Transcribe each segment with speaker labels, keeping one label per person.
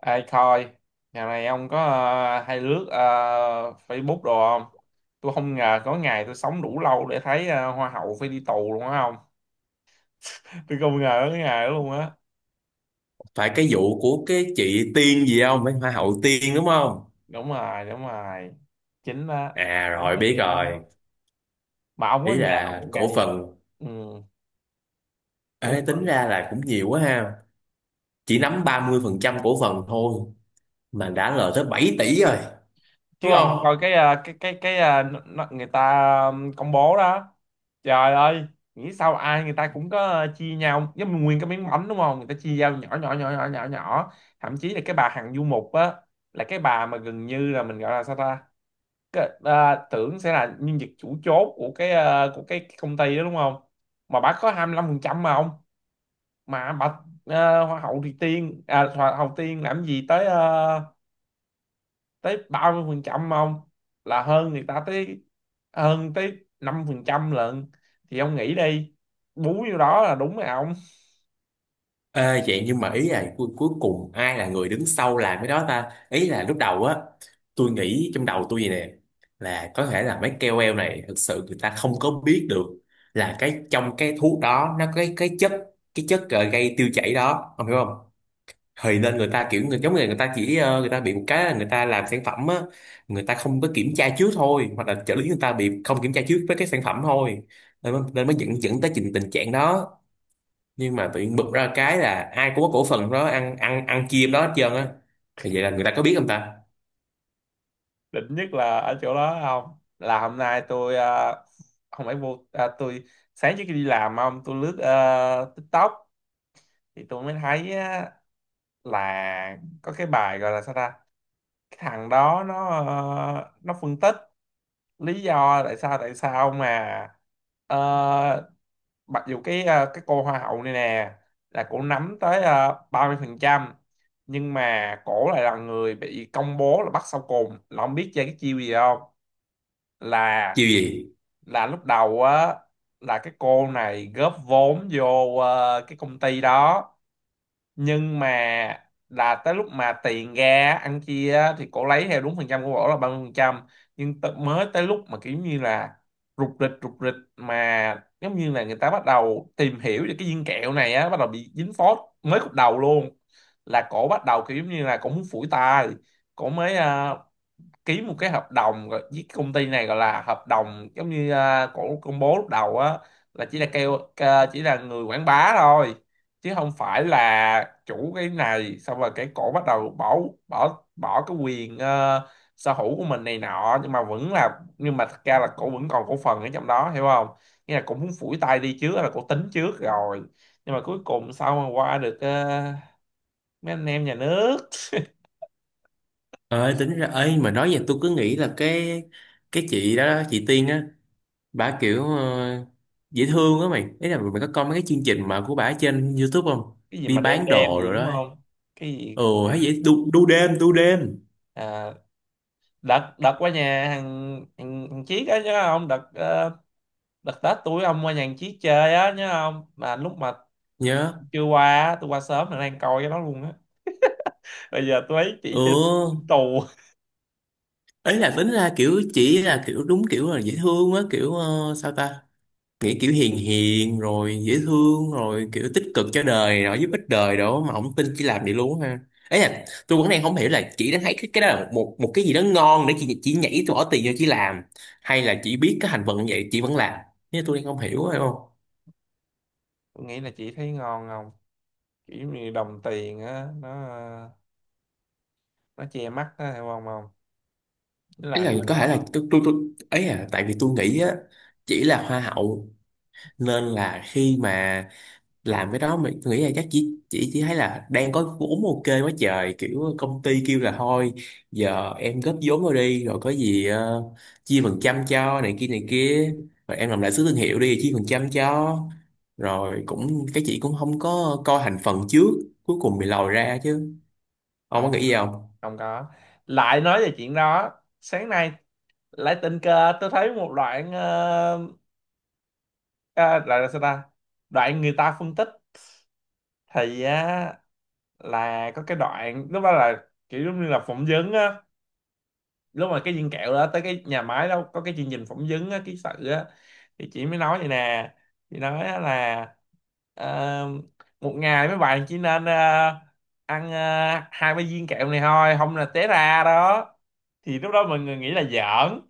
Speaker 1: Ai coi, nhà này ông có hay lướt Facebook đồ không? Tôi không ngờ có ngày tôi sống đủ lâu để thấy hoa hậu phải đi tù luôn á không? Tôi không ngờ có cái ngày đó luôn á.
Speaker 2: Phải cái vụ của cái chị Tiên gì không, mấy hoa hậu Tiên đúng không?
Speaker 1: Đúng rồi, đúng rồi. Chính đó,
Speaker 2: À,
Speaker 1: chính
Speaker 2: rồi,
Speaker 1: là
Speaker 2: biết
Speaker 1: chị đó.
Speaker 2: rồi.
Speaker 1: Mà ông có
Speaker 2: Ý
Speaker 1: ngờ một
Speaker 2: là cổ
Speaker 1: ngày,
Speaker 2: phần.
Speaker 1: ừ, cổ
Speaker 2: Ê, tính
Speaker 1: phần.
Speaker 2: ra là cũng nhiều quá ha. Chỉ nắm 30% cổ phần thôi mà đã lời tới 7 tỷ rồi,
Speaker 1: Chứ
Speaker 2: đúng
Speaker 1: ông không
Speaker 2: không?
Speaker 1: coi cái à, cái cái à, nó- người ta công bố đó. Trời ơi, nghĩ sao ai người ta cũng có, chia nhau giống như nguyên cái miếng bánh, đúng không? Người ta chia nhau nhỏ nhỏ nhỏ nhỏ nhỏ nhỏ. Thậm chí là cái bà Hằng Du Mục á, là cái bà mà gần như là mình gọi là sao ta. Tưởng sẽ là nhân vật chủ chốt của của cái công ty đó đúng không? Mà bà có 25% mà ông. mà bà Hoa hậu Tiên làm gì tới tới 30% không? Là hơn người ta tới, hơn tới 5% lận. Thì ông nghĩ đi, bú vô đó là đúng rồi ông.
Speaker 2: Ê, vậy nhưng mà ý là cuối cùng ai là người đứng sau làm cái đó ta, ý là lúc đầu á. Tôi nghĩ trong đầu tôi vậy nè: là có thể là mấy KOL này thực sự người ta không có biết được là cái trong cái thuốc đó nó có cái chất gây tiêu chảy đó, ông hiểu không? Thì nên người ta kiểu người giống người người ta chỉ người ta bị một cái là người ta làm sản phẩm á, người ta không có kiểm tra trước thôi, hoặc là trợ lý người ta bị không kiểm tra trước với cái sản phẩm thôi, nên mới dẫn dẫn tới tình trạng đó. Nhưng mà tự nhiên bực ra cái là ai cũng có cổ phần đó, ăn ăn ăn chia đó hết trơn á. Thì vậy là người ta có biết không ta?
Speaker 1: Định nhất là ở chỗ đó không, là hôm nay tôi không phải vô, tôi sáng trước khi đi làm, không, tôi lướt TikTok. Thì tôi mới thấy á, là có cái bài gọi là sao ta. Cái thằng đó nó phân tích lý do tại sao mà, ờ, mặc dù cái cô hoa hậu này nè, là cổ nắm tới 30%, nhưng mà cổ lại là người bị công bố là bắt sau cùng, là không biết chơi cái chiêu gì không. là
Speaker 2: Chiêu gì?
Speaker 1: là lúc đầu á, là cái cô này góp vốn vô cái công ty đó, nhưng mà là tới lúc mà tiền ra ăn chia á, thì cổ lấy theo đúng phần trăm của cổ là 30%. Nhưng mới tới lúc mà kiểu như là rục rịch rục rịch, mà giống như là người ta bắt đầu tìm hiểu về cái viên kẹo này á, bắt đầu bị dính phốt mới khúc đầu luôn, là cổ bắt đầu kiểu giống như là cổ muốn phủi tay. Cổ mới ký một cái hợp đồng với công ty này, gọi là hợp đồng, giống như cổ công bố lúc đầu á là chỉ là chỉ là người quảng bá thôi, chứ không phải là chủ cái này. Xong rồi cái cổ bắt đầu bỏ bỏ bỏ cái quyền sở hữu của mình này nọ, nhưng mà thật ra là cổ vẫn còn cổ phần ở trong đó, hiểu không? Nghĩa là cổ muốn phủi tay đi trước, là cổ tính trước rồi, nhưng mà cuối cùng sao mà qua được mấy anh em nhà nước
Speaker 2: Ơi, tính ra ấy mà nói vậy tôi cứ nghĩ là cái chị đó, chị Tiên á, bà kiểu dễ thương á mày. Ý là mày có coi mấy cái chương trình mà của bà trên YouTube không?
Speaker 1: cái gì
Speaker 2: Đi
Speaker 1: mà đem
Speaker 2: bán
Speaker 1: đem
Speaker 2: đồ
Speaker 1: gì
Speaker 2: rồi
Speaker 1: đúng
Speaker 2: đó.
Speaker 1: không? Cái gì,
Speaker 2: Ừ. Hay vậy, đu đêm đu đêm.
Speaker 1: à, đợt đợt qua nhà thằng thằng, thằng Chiết á nhớ không? Đợt Tết tuổi ông qua nhà thằng Chiết chơi á nhớ không? Mà lúc mà
Speaker 2: Nhớ.
Speaker 1: chưa qua á, tôi qua sớm là đang coi cái đó luôn á. Bây giờ tôi thấy chị trên trên
Speaker 2: Ừ.
Speaker 1: tù.
Speaker 2: Ấy là tính ra kiểu chỉ là kiểu đúng kiểu là dễ thương á, kiểu sao ta, nghĩ kiểu hiền hiền rồi dễ thương rồi kiểu tích cực cho đời rồi giúp ích đời đó, mà ông tin chỉ làm vậy luôn ha. Ấy là tôi vẫn đang không hiểu là chị đã thấy cái đó là một một cái gì đó ngon để chị chỉ nhảy tôi bỏ tiền cho chị làm, hay là chị biết cái hành vận như vậy chị vẫn làm. Nhưng tôi đang không hiểu, phải không?
Speaker 1: Tôi nghĩ là chị thấy ngon không, kiểu như đồng tiền á, nó che mắt á, hiểu không? Không, nó
Speaker 2: Ấy
Speaker 1: làm
Speaker 2: là có thể là
Speaker 1: cho.
Speaker 2: tôi, ấy là tại vì tôi nghĩ á, chỉ là hoa hậu nên là khi mà làm cái đó mình, tôi nghĩ là chắc chỉ thấy là đang có vốn ok quá trời, kiểu công ty kêu là thôi giờ em góp vốn vào đi rồi có gì chia phần trăm cho này kia này kia, rồi em làm lại sứ thương hiệu đi chia phần trăm cho, rồi cũng cái chị cũng không có coi thành phần trước, cuối cùng bị lòi ra chứ. Ông có
Speaker 1: Không.
Speaker 2: nghĩ gì không?
Speaker 1: Không có. Lại nói về chuyện đó, sáng nay lại tình cờ tôi thấy một đoạn, ờ, đoạn là sao ta, đoạn người ta phân tích. Thì á, là có cái đoạn lúc đó là kiểu giống như là phỏng vấn á. Lúc mà cái viên kẹo đó tới cái nhà máy đó có cái chương trình phỏng vấn á, ký sự á, thì chị mới nói vậy nè. Chị nói á là, ờ, một ngày mấy bạn chỉ nên ăn hai ba viên kẹo này thôi, không là té ra đó. Thì lúc đó mọi người nghĩ là giỡn,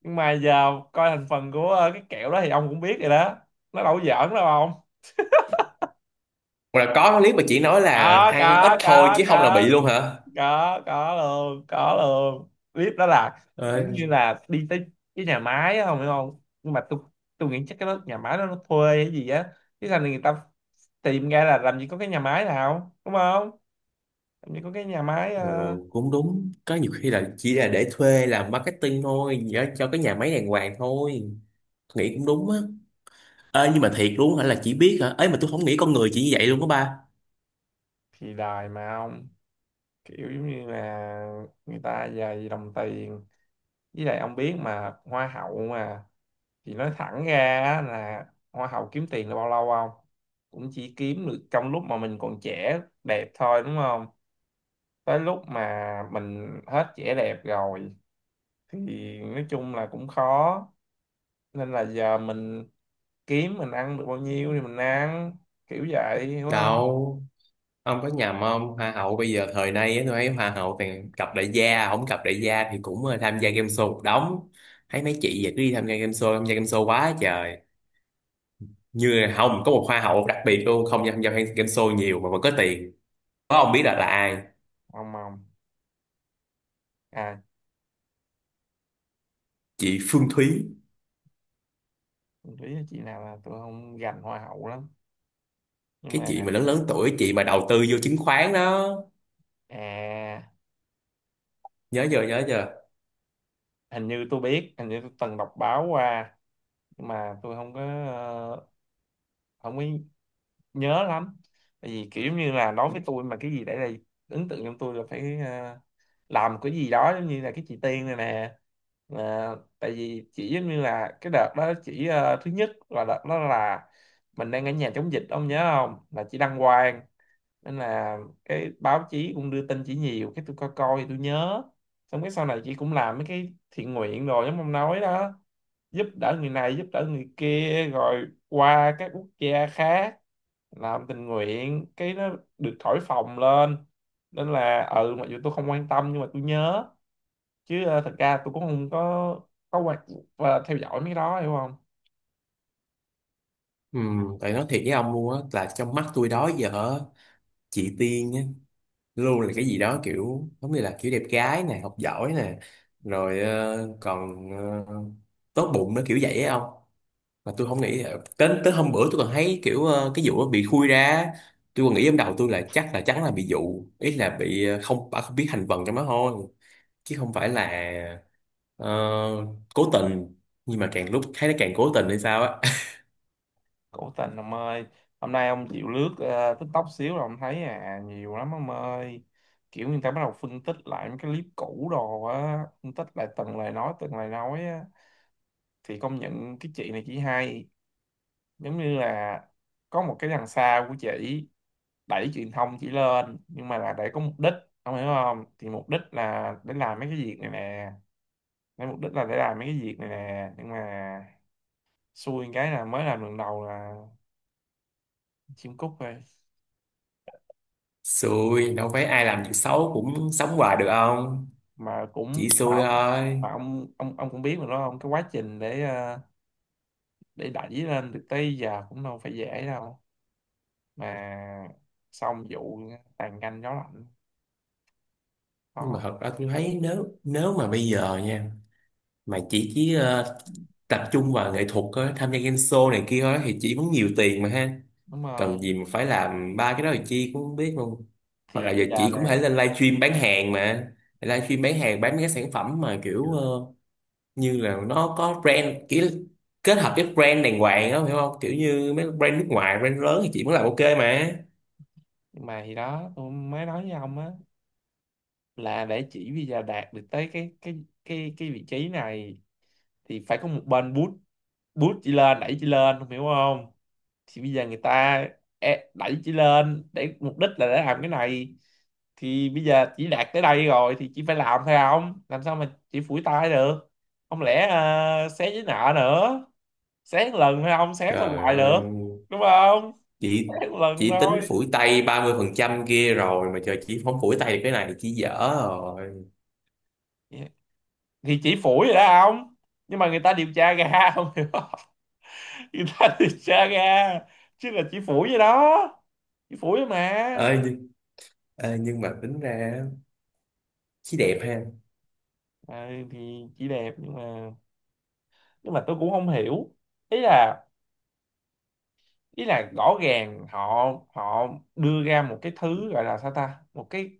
Speaker 1: nhưng mà giờ coi thành phần của cái kẹo đó thì ông cũng biết rồi đó, nó đâu có giỡn đâu không?
Speaker 2: Hoặc là có clip mà chị nói là
Speaker 1: Có
Speaker 2: ăn ít thôi
Speaker 1: có
Speaker 2: chứ không là bị
Speaker 1: có
Speaker 2: luôn hả?
Speaker 1: có luôn, có luôn clip đó. Là kiểu như là đi tới cái nhà máy á, không hiểu không? Nhưng mà tôi nghĩ chắc cái đó nhà máy đó nó thuê hay gì á, chứ sao người ta tìm ra là làm gì có cái nhà máy nào đúng không? Làm gì có cái nhà máy
Speaker 2: Ừ, cũng đúng, có nhiều khi là chỉ là để thuê làm marketing thôi, nhớ cho cái nhà máy đàng hoàng thôi. Nghĩ cũng đúng á. Ê, nhưng mà thiệt luôn hả, là chỉ biết hả? Ấy mà tôi không nghĩ con người chỉ như vậy luôn đó ba.
Speaker 1: thì đài mà ông, kiểu giống như là người ta dày đồng tiền, với lại ông biết mà hoa hậu mà. Thì nói thẳng ra á là hoa hậu kiếm tiền là bao lâu không? Cũng chỉ kiếm được trong lúc mà mình còn trẻ đẹp thôi, đúng không? Tới lúc mà mình hết vẻ đẹp rồi thì nói chung là cũng khó. Nên là giờ mình kiếm, mình ăn được bao nhiêu thì mình ăn, kiểu vậy hiểu không?
Speaker 2: Đâu, ông có nhầm không, hoa
Speaker 1: À,
Speaker 2: hậu bây giờ thời nay á, tôi thấy hoa hậu toàn cặp đại gia, không cặp đại gia thì cũng tham gia game show một đống. Thấy mấy chị vậy cứ đi tham gia game show, tham gia game show quá trời. Như là không có một hoa hậu đặc biệt luôn không tham gia game show nhiều mà vẫn có tiền. Có, ông biết là ai?
Speaker 1: không, không. À,
Speaker 2: Chị Phương Thúy.
Speaker 1: lý chị nào là tôi không gành hoa hậu lắm, nhưng
Speaker 2: Cái
Speaker 1: mà,
Speaker 2: chị mà lớn lớn tuổi, chị mà đầu tư vô chứng khoán đó.
Speaker 1: à,
Speaker 2: Nhớ giờ, nhớ giờ.
Speaker 1: hình như tôi biết, hình như tôi từng đọc báo qua, nhưng mà tôi ờ, không có nhớ lắm. Tại vì kiểu như là đối với tôi, mà cái gì để lại ấn tượng trong tôi là phải, làm cái gì đó giống như là cái chị Tiên này nè. À, tại vì chỉ giống như là cái đợt đó chỉ, thứ nhất là đợt đó là mình đang ở nhà chống dịch ông nhớ không, là chị đăng quang. Nên là cái báo chí cũng đưa tin chỉ nhiều, cái tôi coi coi tôi nhớ. Xong cái sau này chị cũng làm mấy cái thiện nguyện rồi giống ông nói đó, giúp đỡ người này giúp đỡ người kia, rồi qua các quốc gia khác làm tình nguyện, cái nó được thổi phồng lên. Nên là ừ, mặc dù tôi không quan tâm nhưng mà tôi nhớ, chứ thật ra tôi cũng không có quan và theo dõi mấy cái đó, hiểu không?
Speaker 2: Ừ, tại nói thiệt với ông luôn á, là trong mắt tôi đó giờ á, chị Tiên á, luôn là cái gì đó kiểu giống như là kiểu đẹp gái nè, học giỏi nè, rồi còn ờ, tốt bụng, nó kiểu vậy á ông. Mà tôi không nghĩ, tới tới hôm bữa tôi còn thấy kiểu cái vụ nó bị khui ra, tôi còn nghĩ trong đầu tôi là chắc là chắn là bị dụ, ý là bị không, bà không biết thành phần trong đó thôi, chứ không phải là, ờ, cố tình. Nhưng mà càng lúc thấy nó càng cố tình hay sao á.
Speaker 1: Cổ tình ông ơi. Hôm nay ông chịu lướt TikTok xíu là ông thấy nhiều lắm ông ơi. Kiểu người ta bắt đầu phân tích lại mấy cái clip cũ đồ á, phân tích lại từng lời nói, từng lời nói á. Thì công nhận cái chị này chỉ hay, giống như là có một cái đằng sau của chị đẩy truyền thông chỉ lên, nhưng mà là để có mục đích. Ông hiểu không? Thì mục đích là để làm mấy cái việc này nè. Để mục đích là để làm mấy cái việc này nè. Nhưng mà xui cái là mới làm lần đầu là chim cút thôi.
Speaker 2: Xui, đâu phải ai làm việc xấu cũng sống hoài được không.
Speaker 1: Mà
Speaker 2: Chỉ
Speaker 1: cũng mà
Speaker 2: xui
Speaker 1: ông,
Speaker 2: thôi.
Speaker 1: mà ông cũng biết mà đó không, cái quá trình để đẩy lên được tới giờ cũng đâu phải dễ đâu. Mà xong vụ tàn canh gió lạnh
Speaker 2: Nhưng mà
Speaker 1: có.
Speaker 2: thật ra tôi thấy nếu nếu mà bây giờ nha, mà chỉ tập trung vào nghệ thuật á, tham gia game show này kia thôi thì chỉ cũng nhiều tiền mà ha.
Speaker 1: Đúng rồi,
Speaker 2: Cần gì mà phải làm ba cái đó thì chi cũng không biết luôn. Hoặc
Speaker 1: thì
Speaker 2: là
Speaker 1: bây
Speaker 2: giờ
Speaker 1: giờ
Speaker 2: chị cũng có thể
Speaker 1: nè.
Speaker 2: lên livestream bán hàng mà, livestream bán hàng bán mấy cái sản phẩm mà kiểu như là nó có brand, kiểu kết hợp cái brand đàng hoàng á, hiểu không, kiểu như mấy brand nước ngoài, brand lớn thì chị mới làm ok mà.
Speaker 1: Nhưng mà thì đó tôi mới nói với ông á, là để chỉ bây giờ đạt được tới cái vị trí này, thì phải có một bên boost boost chị lên, đẩy chị lên không hiểu không? Thì bây giờ người ta đẩy chị lên để mục đích là để làm cái này. Thì bây giờ chỉ đạt tới đây rồi thì chị phải làm thôi, không làm sao mà chị phủi tay được. Không lẽ xé giấy nợ nữa. Xé một lần thôi, không xé sao
Speaker 2: Trời
Speaker 1: hoài
Speaker 2: ơi,
Speaker 1: được, đúng không?
Speaker 2: chị
Speaker 1: Xé một lần
Speaker 2: chị tính
Speaker 1: thôi.
Speaker 2: phủi tay 30% kia rồi mà trời, chị không phủi tay được cái này thì chị dở rồi.
Speaker 1: Thì chỉ phủi rồi đó không, nhưng mà người ta điều tra ra không hiểu không? Italian Saga. Chứ là chỉ phủi vậy đó, chỉ phủi mà.
Speaker 2: Ơi nhưng, ê, nhưng mà tính ra chị đẹp ha.
Speaker 1: Thì chỉ đẹp nhưng mà, nhưng mà tôi cũng không hiểu. Ý là ý là rõ ràng họ, họ đưa ra một cái thứ gọi là sao ta, một cái,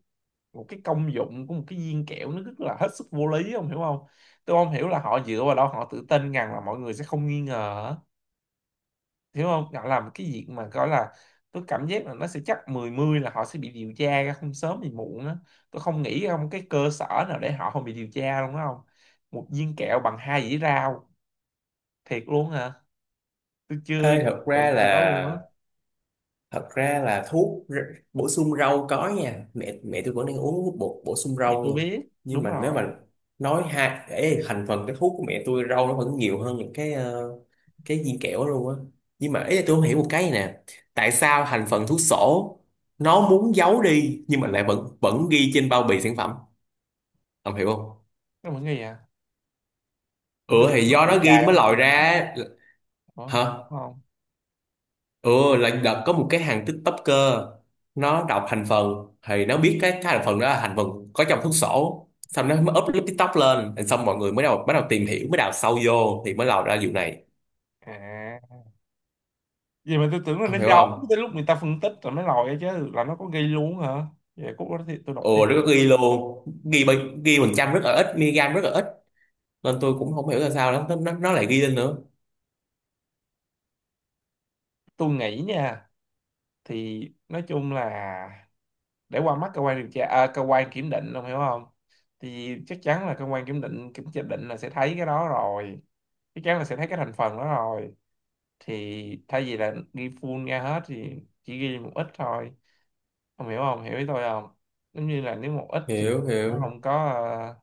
Speaker 1: một cái công dụng của một cái viên kẹo nó rất là hết sức vô lý, không hiểu không? Tôi không hiểu là họ dựa vào đó họ tự tin rằng là mọi người sẽ không nghi ngờ. Hiểu không, họ làm cái việc mà gọi là, tôi cảm giác là nó sẽ chắc 10-10 là họ sẽ bị điều tra ra không sớm thì muộn á. Tôi không nghĩ không cái cơ sở nào để họ không bị điều tra luôn đó không. Một viên kẹo bằng hai dĩa rau, thiệt luôn hả? Tôi chưa
Speaker 2: Ê, thật ra
Speaker 1: tưởng gì đó luôn á.
Speaker 2: là, thật ra là thuốc bổ sung rau có nha, mẹ mẹ tôi vẫn đang uống bổ sung
Speaker 1: Thì
Speaker 2: rau
Speaker 1: tôi
Speaker 2: nha.
Speaker 1: biết.
Speaker 2: Nhưng
Speaker 1: Đúng
Speaker 2: mà nếu
Speaker 1: rồi.
Speaker 2: mà nói hai, ê, thành phần cái thuốc của mẹ tôi rau nó vẫn nhiều hơn những cái cái viên kẹo đó luôn á. Nhưng mà ý là tôi không hiểu một cái này nè: tại sao thành phần thuốc sổ nó muốn giấu đi nhưng mà lại vẫn vẫn ghi trên bao bì sản phẩm, ông hiểu không?
Speaker 1: Nó mọi người à,
Speaker 2: Ừ,
Speaker 1: tôi tưởng
Speaker 2: thì
Speaker 1: nó
Speaker 2: do
Speaker 1: điều
Speaker 2: nó ghi
Speaker 1: tra
Speaker 2: nó
Speaker 1: ra
Speaker 2: mới
Speaker 1: mấy
Speaker 2: lòi
Speaker 1: cái này.
Speaker 2: ra.
Speaker 1: Ủa,
Speaker 2: Hả?
Speaker 1: đúng không?
Speaker 2: Ừ, là đợt có một cái hàng TikToker, nó đọc thành phần thì nó biết cái thành phần đó là thành phần có trong thuốc sổ, xong nó mới up clip TikTok lên, rồi xong mọi người mới đầu bắt đầu tìm hiểu, mới đào sâu vô thì mới lòi ra vụ này,
Speaker 1: À, vậy mà tôi tưởng là nó
Speaker 2: ông hiểu
Speaker 1: giống
Speaker 2: không?
Speaker 1: tới lúc người ta phân tích rồi mới lòi ra chứ, là nó có ghi luôn hả? Vậy cốt đó thì tôi đọc thêm.
Speaker 2: Ồ, nó có ghi luôn, ghi phần trăm rất là ít, miligam rất là ít, nên tôi cũng không hiểu là sao nó lại ghi lên nữa.
Speaker 1: Tôi nghĩ nha, thì nói chung là để qua mắt cơ quan điều tra, cơ quan kiểm định, ông hiểu không? Thì chắc chắn là cơ quan kiểm định kiểm tra định là sẽ thấy cái đó rồi, chắc chắn là sẽ thấy cái thành phần đó rồi. Thì thay vì là ghi full ra hết thì chỉ ghi một ít thôi, ông hiểu không, hiểu ý tôi không? Giống như là nếu một ít thì
Speaker 2: Hiểu,
Speaker 1: nó
Speaker 2: hiểu,
Speaker 1: không có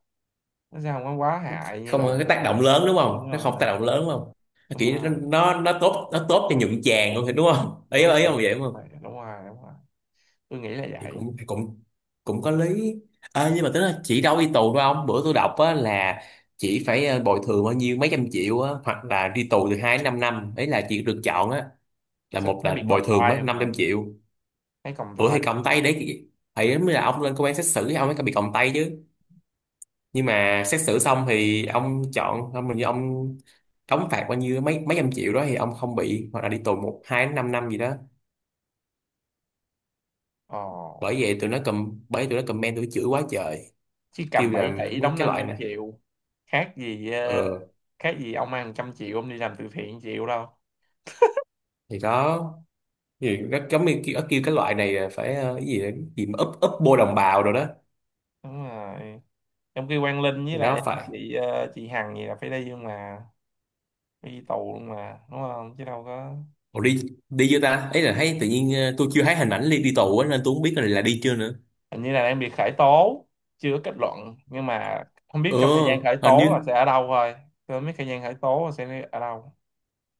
Speaker 1: nó sẽ không có quá hại như
Speaker 2: không
Speaker 1: là
Speaker 2: cái
Speaker 1: gì
Speaker 2: tác
Speaker 1: mà.
Speaker 2: động lớn đúng không,
Speaker 1: Đúng
Speaker 2: nó không
Speaker 1: rồi,
Speaker 2: tác động lớn đúng không, nó
Speaker 1: đúng
Speaker 2: kiểu
Speaker 1: rồi
Speaker 2: nó tốt, nó tốt cho nhuận chàng luôn thì đúng không, ý
Speaker 1: đúng rồi,
Speaker 2: ý ông vậy đúng không.
Speaker 1: đúng rồi. Tôi nghĩ là
Speaker 2: Thì
Speaker 1: vậy.
Speaker 2: cũng cũng, cũng có lý. À, nhưng mà tính là chỉ đâu đi tù thôi ông, bữa tôi đọc á là chỉ phải bồi thường bao nhiêu mấy trăm triệu á, hoặc là đi tù từ 2 đến 5 năm, ấy là chỉ được chọn á, là
Speaker 1: Sao
Speaker 2: một
Speaker 1: phải
Speaker 2: là
Speaker 1: bị
Speaker 2: bồi
Speaker 1: còng
Speaker 2: thường mấy
Speaker 1: tay
Speaker 2: năm
Speaker 1: mà,
Speaker 2: trăm triệu.
Speaker 1: thấy còng
Speaker 2: Ủa
Speaker 1: tay.
Speaker 2: thì còng tay đấy, ấy mới là ông lên công an xét xử thì ông mới bị còng tay chứ, nhưng mà xét xử xong thì ông chọn ông mình, ông đóng phạt bao nhiêu mấy mấy trăm triệu đó thì ông không bị, hoặc là đi tù một hai đến năm năm gì đó.
Speaker 1: Ồ.
Speaker 2: Bởi vậy tụi nó cầm, bởi tụi nó comment tụi nó chửi quá trời.
Speaker 1: Chứ
Speaker 2: Kêu
Speaker 1: cầm
Speaker 2: là
Speaker 1: 7 tỷ
Speaker 2: mấy
Speaker 1: đóng
Speaker 2: cái
Speaker 1: năm
Speaker 2: loại
Speaker 1: trăm
Speaker 2: nè.
Speaker 1: triệu khác gì,
Speaker 2: Ờ,
Speaker 1: khác gì ông ăn trăm triệu ông đi làm từ thiện chịu đâu.
Speaker 2: thì đó, gì nó giống như kêu cái loại này là phải cái gì đó, cái gì mà úp úp bô đồng bào rồi đó.
Speaker 1: Đúng rồi. Trong khi Quang Linh với
Speaker 2: Thì nó
Speaker 1: lại
Speaker 2: phải.
Speaker 1: chị chị Hằng gì là phải đi, nhưng mà phải đi tù luôn mà, đúng không, chứ đâu có.
Speaker 2: Ủa, đi đi chưa ta, ấy là thấy tự nhiên tôi chưa thấy hình ảnh đi đi tù á, nên tôi không biết là đi chưa nữa.
Speaker 1: Hình như là đang bị khởi tố, chưa có kết luận, nhưng mà không biết
Speaker 2: Ừ,
Speaker 1: trong thời gian khởi
Speaker 2: hình
Speaker 1: tố là
Speaker 2: như
Speaker 1: sẽ ở đâu thôi. Tôi không biết thời gian khởi tố là sẽ ở đâu.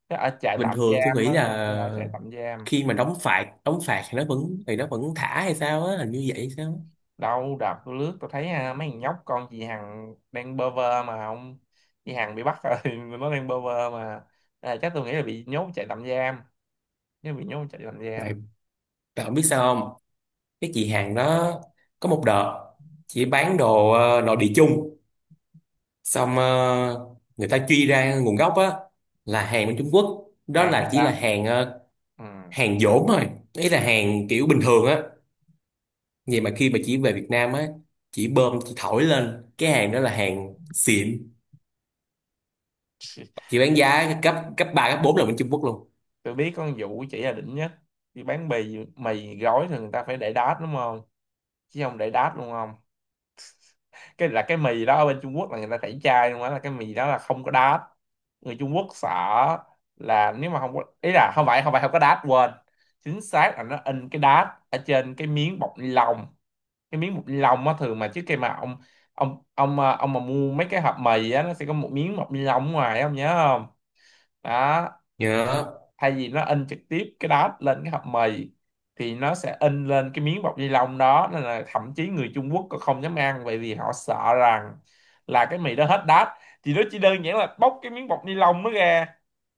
Speaker 1: Chắc ở trại
Speaker 2: bình
Speaker 1: tạm
Speaker 2: thường tôi
Speaker 1: giam á,
Speaker 2: nghĩ
Speaker 1: tôi nghĩ là ở
Speaker 2: là
Speaker 1: trại tạm giam.
Speaker 2: khi mà đóng phạt thì nó vẫn, thì nó vẫn thả hay sao á, hình như vậy hay sao á.
Speaker 1: Đâu đợt tôi lướt tôi thấy, mấy thằng nhóc con chị Hằng đang bơ vơ mà ông. Chị Hằng bị bắt rồi, nó đang bơ vơ mà. Chắc tôi nghĩ là bị nhốt chạy tạm giam, nếu bị nhốt chạy tạm giam.
Speaker 2: Tại tại không biết sao không, cái chị hàng đó có một đợt chị bán đồ nội địa chung, xong người ta truy ra nguồn gốc á, là hàng bên Trung Quốc đó,
Speaker 1: Hàng hết
Speaker 2: là chỉ là
Speaker 1: đám.
Speaker 2: hàng
Speaker 1: Ừ.
Speaker 2: hàng dỗm thôi, ý là hàng kiểu bình thường á. Vậy mà khi mà chỉ về Việt Nam á, chỉ bơm chỉ thổi lên cái hàng đó là hàng xịn, chỉ bán giá cấp cấp ba cấp 4 là bên Trung Quốc luôn.
Speaker 1: Tôi biết con vụ chỉ là đỉnh nhất. Đi bán bì mì gói thì người ta phải để đát, đúng không, chứ không để đát luôn. Cái là cái mì đó ở bên Trung Quốc là người ta tẩy chay luôn á, là cái mì đó là không có đát. Người Trung Quốc sợ là nếu mà không có, ý là không phải không có đát, quên, chính xác là nó in cái đát ở trên cái miếng bọc ni lông. Cái miếng bọc ni lông á, thường mà trước khi mà ông, ông ông mà mua mấy cái hộp mì á nó sẽ có một miếng bọc ni lông ở ngoài, ông nhớ không? Đó.
Speaker 2: Nhớ.
Speaker 1: Thay vì nó in trực tiếp cái đó lên cái hộp mì thì nó sẽ in lên cái miếng bọc ni lông đó, nên là thậm chí người Trung Quốc còn không dám ăn, bởi vì họ sợ rằng là cái mì đó hết đát. Thì nó chỉ đơn giản là bóc cái miếng bọc ni lông nó ra,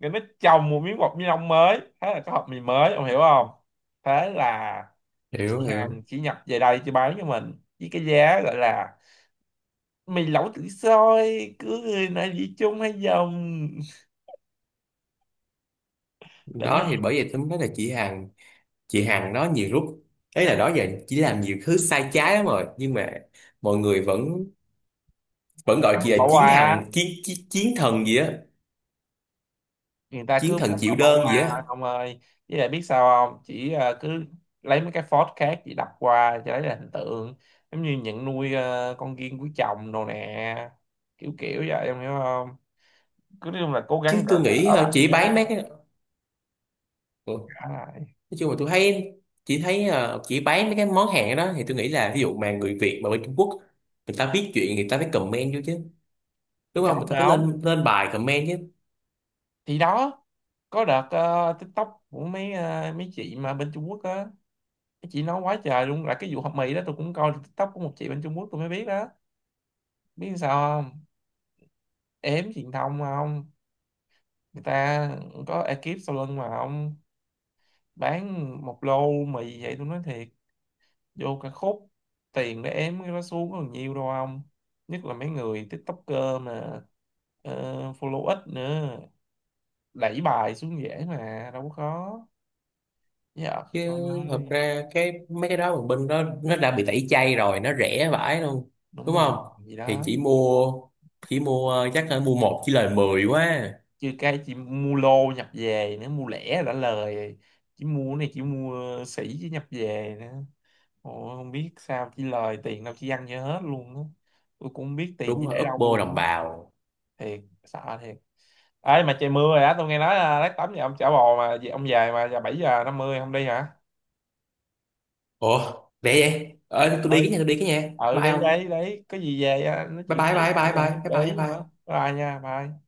Speaker 1: rồi nó chồng một miếng bọc ni lông mới, thế là có hộp mì mới, ông hiểu không? Thế là
Speaker 2: Hiểu,
Speaker 1: chị
Speaker 2: hiểu.
Speaker 1: Hằng chỉ nhập về đây cho bán cho mình với cái giá gọi là mì lẩu tự xôi, cứ người nào dĩ chung hay dòng, đỉnh này.
Speaker 2: Đó, thì bởi vậy tôi mới nói là chị Hằng, chị Hằng đó nhiều lúc, ấy là đó giờ chỉ làm nhiều thứ sai trái lắm rồi, nhưng mà mọi người vẫn vẫn gọi
Speaker 1: Em mất
Speaker 2: chị là
Speaker 1: bỏ
Speaker 2: chiến
Speaker 1: quà,
Speaker 2: thần, chiến chiến, chiến thần gì á,
Speaker 1: người ta
Speaker 2: chiến
Speaker 1: cứ
Speaker 2: thần
Speaker 1: bỏ
Speaker 2: chịu
Speaker 1: bỏ
Speaker 2: đơn gì á.
Speaker 1: qua ông ơi. Với lại biết sao không, chỉ cứ lấy mấy cái phốt khác chỉ đập qua cho lấy là hình tượng, giống như nhận nuôi con riêng của chồng đồ nè, kiểu kiểu vậy em hiểu không. Cứ nói chung là cố
Speaker 2: Chứ
Speaker 1: gắng gỡ
Speaker 2: tôi nghĩ
Speaker 1: gỡ lại
Speaker 2: chỉ bán mấy
Speaker 1: nhé.
Speaker 2: cái, ừ,
Speaker 1: Gỡ lại
Speaker 2: nói chung là tôi thấy chỉ thấy chỉ bán mấy cái món hàng đó thì tôi nghĩ là ví dụ mà người Việt mà bên Trung Quốc, người ta viết chuyện người ta phải comment vô chứ,
Speaker 1: thì
Speaker 2: đúng
Speaker 1: có
Speaker 2: không, người ta
Speaker 1: mà
Speaker 2: phải
Speaker 1: không,
Speaker 2: lên lên bài comment chứ.
Speaker 1: thì đó. Có đợt TikTok của mấy mấy chị mà bên Trung Quốc á, mấy chị nói quá trời luôn là cái vụ hộp mì đó. Tôi cũng coi được TikTok của một chị bên Trung Quốc, tôi mới biết đó. Biết sao không, ếm truyền thông không. Người ta có ekip sau lưng mà ông. Bán một lô mì vậy, tôi nói thiệt, vô cả khúc tiền để ém cái đó xuống còn nhiều đâu ông. Nhất là mấy người TikToker mà, ờ, follow ít nữa, đẩy bài xuống dễ mà đâu có khó. Dạ
Speaker 2: Chứ
Speaker 1: con
Speaker 2: thật
Speaker 1: ơi.
Speaker 2: ra cái mấy cái đó mà bên đó nó đã bị tẩy chay rồi, nó rẻ vãi luôn,
Speaker 1: Đúng
Speaker 2: đúng
Speaker 1: rồi
Speaker 2: không.
Speaker 1: gì
Speaker 2: Thì
Speaker 1: đó.
Speaker 2: chỉ mua chắc là mua một chỉ lời 10 quá.
Speaker 1: Chứ cái chỉ mua lô nhập về nữa, mua lẻ đã lời. Chỉ mua cái này chỉ mua, sỉ chứ nhập về nữa. Ồ, không biết sao chỉ lời tiền đâu chỉ ăn cho hết luôn đó. Tôi cũng không biết tiền
Speaker 2: Đúng
Speaker 1: chỉ
Speaker 2: rồi,
Speaker 1: để đâu
Speaker 2: Oppo đồng
Speaker 1: luôn.
Speaker 2: bào.
Speaker 1: Thiệt sợ thiệt. Ấy mà trời mưa rồi á, tôi nghe nói là lát tắm nhà ông chả bò mà về- ông về mà giờ 7:50 không đi hả?
Speaker 2: Ủa, để vậy ờ, tôi đi
Speaker 1: Ơi.
Speaker 2: cái nhà, tôi đi cái nhà,
Speaker 1: Ừ
Speaker 2: bye
Speaker 1: đấy đấy
Speaker 2: không.
Speaker 1: đấy, có gì về á, nói
Speaker 2: Bye
Speaker 1: chuyện
Speaker 2: bye
Speaker 1: tiếp
Speaker 2: bye
Speaker 1: nữa
Speaker 2: bye bye
Speaker 1: rồi,
Speaker 2: bye
Speaker 1: để
Speaker 2: bye
Speaker 1: ý luôn đó,
Speaker 2: bye.
Speaker 1: bye nha, bye.